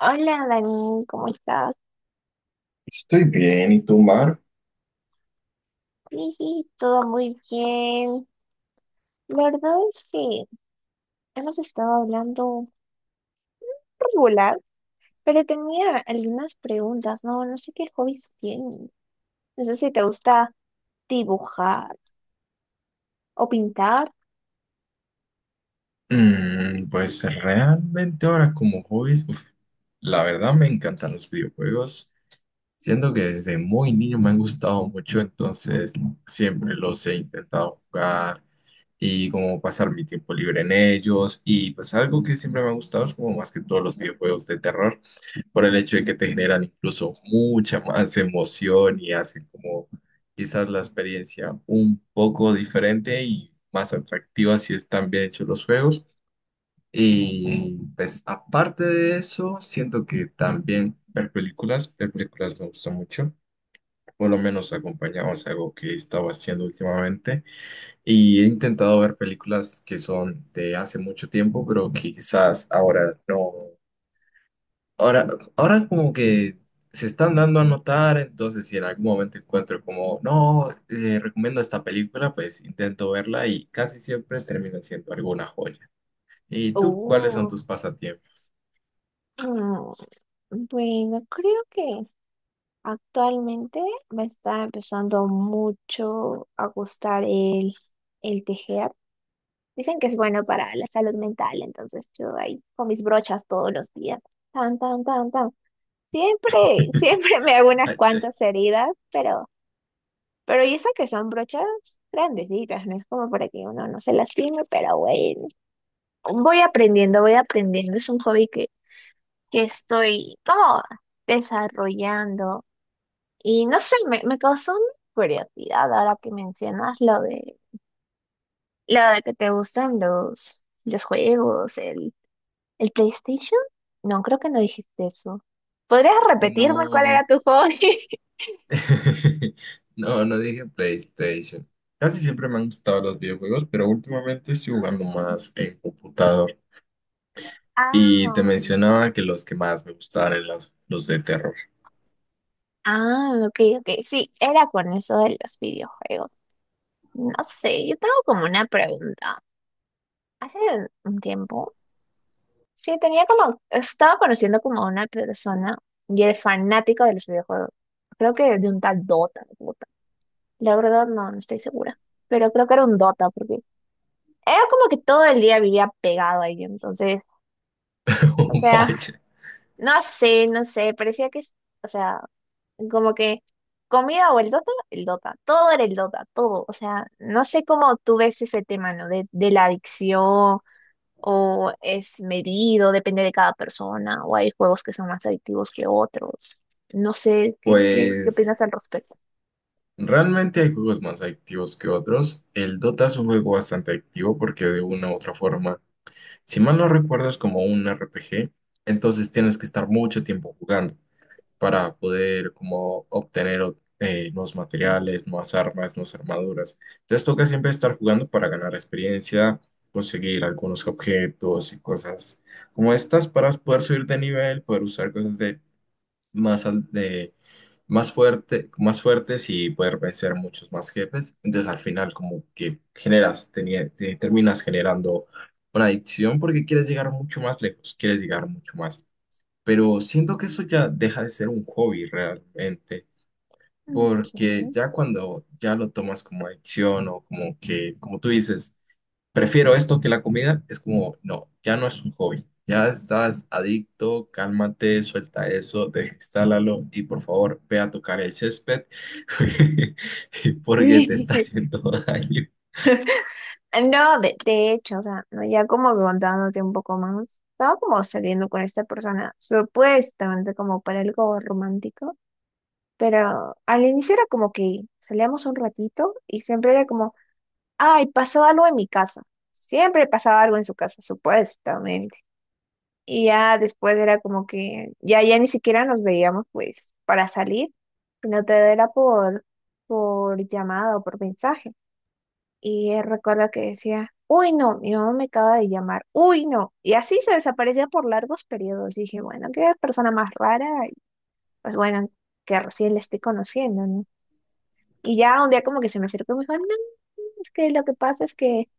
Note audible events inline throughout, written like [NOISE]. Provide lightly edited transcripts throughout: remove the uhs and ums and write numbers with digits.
Hola, Dani, ¿cómo estás? Estoy bien, ¿y tú, Mar? Sí, sí, todo muy bien. La verdad es que hemos estado hablando regular, pero tenía algunas preguntas, ¿no? No sé qué hobbies tienes. No sé si te gusta dibujar o pintar. Pues realmente ahora como hobbies, uf, la verdad me encantan los videojuegos. Siento que desde muy niño me han gustado mucho, entonces siempre los he intentado jugar y como pasar mi tiempo libre en ellos. Y pues algo que siempre me ha gustado es como más que todos los videojuegos de terror, por el hecho de que te generan incluso mucha más emoción y hacen como quizás la experiencia un poco diferente y más atractiva si están bien hechos los juegos. Y pues aparte de eso, siento que también ver películas me gusta mucho. Por lo menos acompañados a algo que he estado haciendo últimamente. Y he intentado ver películas que son de hace mucho tiempo, pero que quizás ahora no, Ahora, ahora como que se están dando a notar, entonces si en algún momento encuentro como, no, recomiendo esta película, pues intento verla y casi siempre termina siendo alguna joya. ¿Y tú cuáles son Oh, tus pasatiempos? mm, bueno, creo que actualmente me está empezando mucho a gustar el tejer. Dicen que es bueno para la salud mental, entonces yo ahí con mis brochas todos los días. Tan, tan, tan, tan. Siempre, [LAUGHS] [LAUGHS] siempre me hago unas Ay, ya. cuantas heridas, pero y eso que son brochas grandecitas, no es como para que uno no se lastime, pero bueno. Voy aprendiendo, voy aprendiendo. Es un hobby que estoy como desarrollando. Y no sé, me causó una curiosidad ahora que mencionas lo de que te gustan los juegos, el. ¿El PlayStation? No, creo que no dijiste eso. ¿Podrías repetirme cuál No, era tu hobby? [LAUGHS] [LAUGHS] no, no dije PlayStation. Casi siempre me han gustado los videojuegos, pero últimamente estoy jugando más en computador. Y te Ah, mencionaba que los que más me gustaban eran los de terror. Ok, ok. Sí, era con eso de los videojuegos. No sé, yo tengo como una pregunta. Hace un tiempo, sí, tenía como, estaba conociendo como a una persona y era fanático de los videojuegos. Creo que de un tal Dota. La verdad no, no estoy segura. Pero creo que era un Dota porque era como que todo el día vivía pegado ahí. Entonces, o [LAUGHS] sea, Vaya. no sé, no sé, parecía o sea, como que comida o el el Dota, todo era el Dota, todo, o sea, no sé cómo tú ves ese tema, ¿no? De la adicción o es medido, depende de cada persona, o hay juegos que son más adictivos que otros, no sé, ¿qué, qué Pues opinas al respecto? realmente hay juegos más adictivos que otros. El Dota es un juego bastante adictivo porque de una u otra forma, si mal no recuerdo, es como un RPG, entonces tienes que estar mucho tiempo jugando para poder como obtener nuevos materiales, nuevas armas, nuevas armaduras. Entonces toca siempre estar jugando para ganar experiencia, conseguir algunos objetos y cosas como estas para poder subir de nivel, poder usar cosas de más, al- de, más, más fuertes y poder vencer muchos más jefes. Entonces al final como que terminas generando una adicción porque quieres llegar mucho más lejos, quieres llegar mucho más. Pero siento que eso ya deja de ser un hobby realmente, porque Ok. ya cuando ya lo tomas como adicción o como que, como tú dices, prefiero esto que la comida, es como, no, ya no es un hobby, ya estás adicto, cálmate, suelta eso, [LAUGHS] desinstálalo y por favor ve a tocar el césped [LAUGHS] porque te está [LAUGHS] haciendo [LAUGHS] daño. No, de hecho, o sea, ¿no? Ya como que contándote un poco más, estaba como saliendo con esta persona, supuestamente como para algo romántico. Pero al inicio era como que salíamos un ratito y siempre era como, ay, pasó algo en mi casa. Siempre pasaba algo en su casa, supuestamente. Y ya después era como que ya ni siquiera nos veíamos pues para salir, sino todo era por llamada o por mensaje. Y él recuerda que decía, uy, no, mi mamá me acaba de llamar, uy, no. Y así se desaparecía por largos periodos. Y dije, bueno, qué persona más rara, y pues bueno, que recién le estoy conociendo, ¿no? Y ya un día como que se me acercó y me dijo, no, es que lo que pasa es que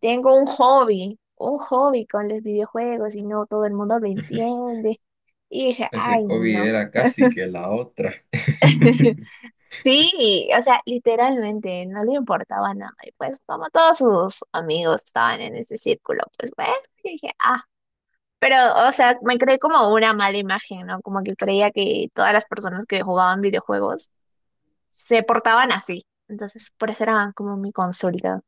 tengo un hobby con los videojuegos y no todo el mundo lo entiende. Y dije, Ese ay, hobby no. era casi que la otra. [LAUGHS] [LAUGHS] Sí, o sea, literalmente no le importaba nada. Y pues como todos sus amigos estaban en ese círculo, pues bueno, y dije, ah, pero o sea, me creé como una mala imagen, ¿no? Como que creía que todas las personas que jugaban videojuegos se portaban así. Entonces, por eso era como mi consulta.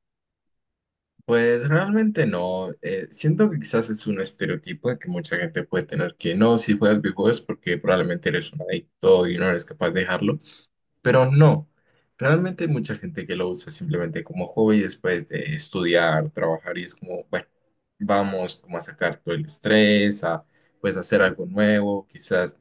Pues realmente no. Siento que quizás es un estereotipo de que mucha gente puede tener que no, si juegas videojuegos es porque probablemente eres un adicto y no eres capaz de dejarlo. Pero no, realmente hay mucha gente que lo usa simplemente como hobby después de estudiar, trabajar y es como, bueno, vamos como a sacar todo el estrés, a pues hacer algo nuevo, quizás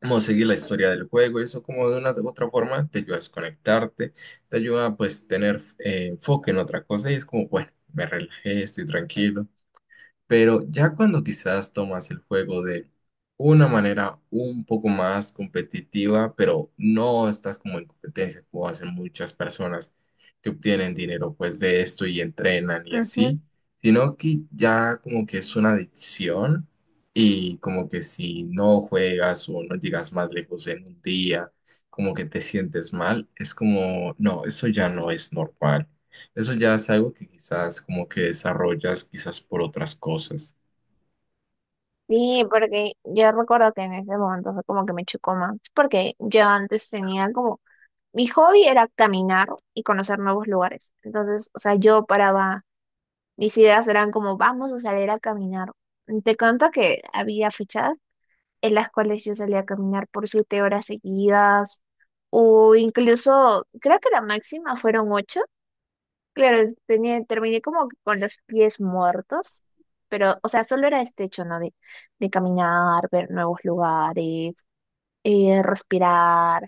como seguir la historia del juego, eso como de una u otra forma te ayuda a desconectarte, te ayuda a pues tener enfoque en otra cosa y es como, bueno, me relajé, estoy tranquilo. Pero ya cuando quizás tomas el juego de una manera un poco más competitiva, pero no estás como en competencia, como hacen muchas personas que obtienen dinero pues de esto y entrenan y así, sino que ya como que es una adicción y como que si no juegas o no llegas más lejos en un día, como que te sientes mal, es como, no, eso ya no es normal. Eso ya es algo que quizás como que desarrollas quizás por otras cosas. Sí, porque yo recuerdo que en ese momento fue como que me chocó más, porque yo antes tenía como, mi hobby era caminar y conocer nuevos lugares. Entonces, o sea, yo paraba, mis ideas eran como, vamos a salir a caminar. Te cuento que había fechas en las cuales yo salía a caminar por 7 horas seguidas, o incluso, creo que la máxima fueron 8. Claro, tenía, terminé como que con los pies muertos, pero, o sea, solo era este hecho, ¿no? De caminar, ver nuevos lugares, respirar,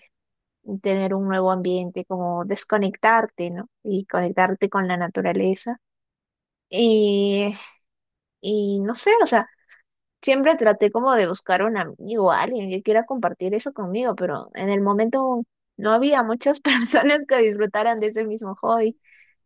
tener un nuevo ambiente, como desconectarte, ¿no? Y conectarte con la naturaleza. Y, y no sé, o sea, siempre traté como de buscar un amigo, alguien que quiera compartir eso conmigo, pero en el momento no había muchas [LAUGHS] personas que disfrutaran de ese mismo hobby.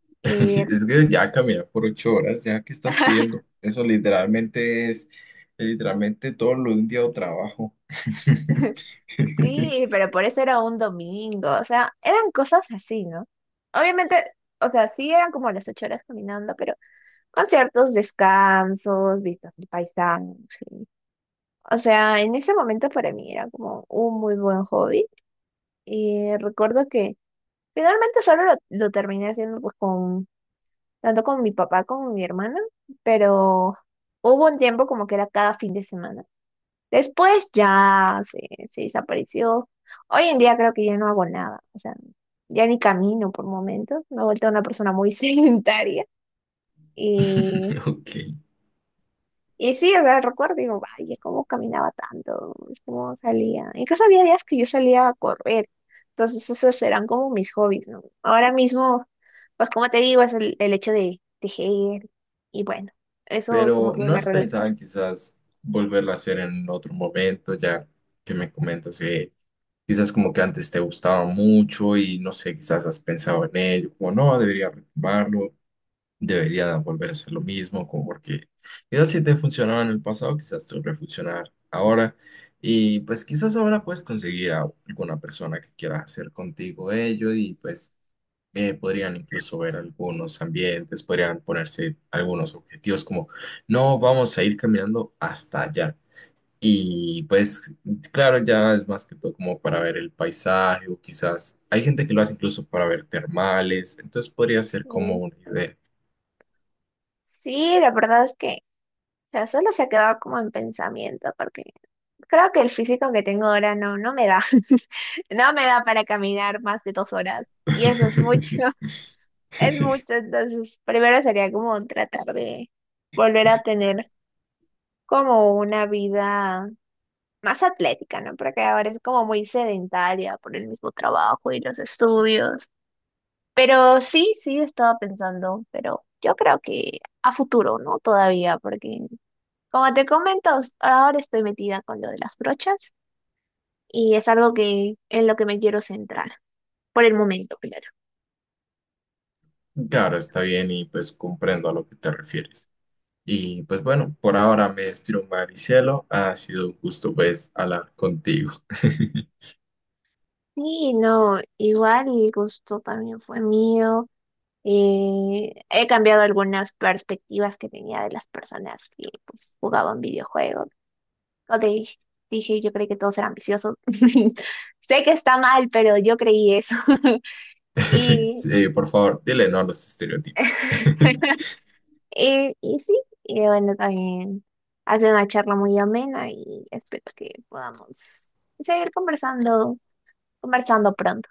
[LAUGHS] Y Es que ya caminar por 8 horas, ya que estás [LAUGHS] pidiendo. Eso literalmente es, literalmente todo lo de un día de trabajo. [LAUGHS] sí, pero por eso era un domingo, o sea, eran cosas así, ¿no? Obviamente, o sea, sí eran como las 8 horas caminando, pero con ciertos descansos, vistas del paisaje. O sea, en ese momento para mí era como un muy buen hobby y recuerdo que finalmente solo lo terminé haciendo pues con, tanto con mi papá como con mi hermana, pero hubo un tiempo como que era cada fin de semana. Después ya se desapareció. Hoy en día creo que ya no hago nada, o sea, ya ni camino por momentos, me he vuelto una persona muy [LAUGHS] sedentaria y, [LAUGHS] Ok. y sí, o sea, recuerdo, digo, vaya, cómo caminaba tanto, cómo salía. Incluso había días que yo salía a correr, entonces esos eran como mis hobbies, ¿no? Ahora mismo, pues como te digo, es el hecho de tejer y bueno, eso como Pero que ¿no me has relaja. pensado en quizás volverlo a hacer en otro momento, ya que me comentas que quizás como que antes te gustaba mucho y no sé, quizás has pensado en ello, como no, debería retomarlo, debería volver a ser lo mismo, como porque quizás si te funcionaba en el pasado, quizás te va a funcionar ahora. Y pues quizás ahora puedes conseguir a alguna persona que quiera hacer contigo ello y pues podrían incluso ver algunos ambientes, podrían ponerse algunos objetivos como no vamos a ir caminando hasta allá. Y pues claro, ya es más que todo como para ver el paisaje o quizás hay gente que lo hace incluso para ver termales, entonces podría ser como Y una idea. sí, la verdad es que, o sea, solo se ha quedado como en pensamiento, porque creo que el físico que tengo ahora no, no me da. [LAUGHS] No me da para caminar más de 2 horas. Y eso es mucho, [LAUGHS] [LAUGHS] es mucho. Entonces, primero sería como tratar de volver a tener como una vida más atlética, ¿no? Porque ahora es como muy sedentaria por el mismo trabajo y los estudios. Pero sí, sí, estaba pensando, pero yo creo que a futuro, ¿no? Todavía, porque como te comento, ahora estoy metida con lo de las brochas y es algo que en lo que me quiero centrar, por el momento, claro. Claro, está bien y pues comprendo a lo que te refieres. Y pues bueno, por ahora me despido, Maricielo. Ha sido un gusto pues hablar contigo. [LAUGHS] Sí, no, igual el gusto también fue mío. Eh, he cambiado algunas perspectivas que tenía de las personas que pues, jugaban videojuegos. O te dije, yo creí que todos eran viciosos. [LAUGHS] Sé que está mal, pero yo creí eso. [LAUGHS] Y Sí, por favor, dile no a los estereotipos. [LAUGHS] [LAUGHS] eh, y sí, y bueno, también hace una charla muy amena y espero que podamos seguir conversando pronto.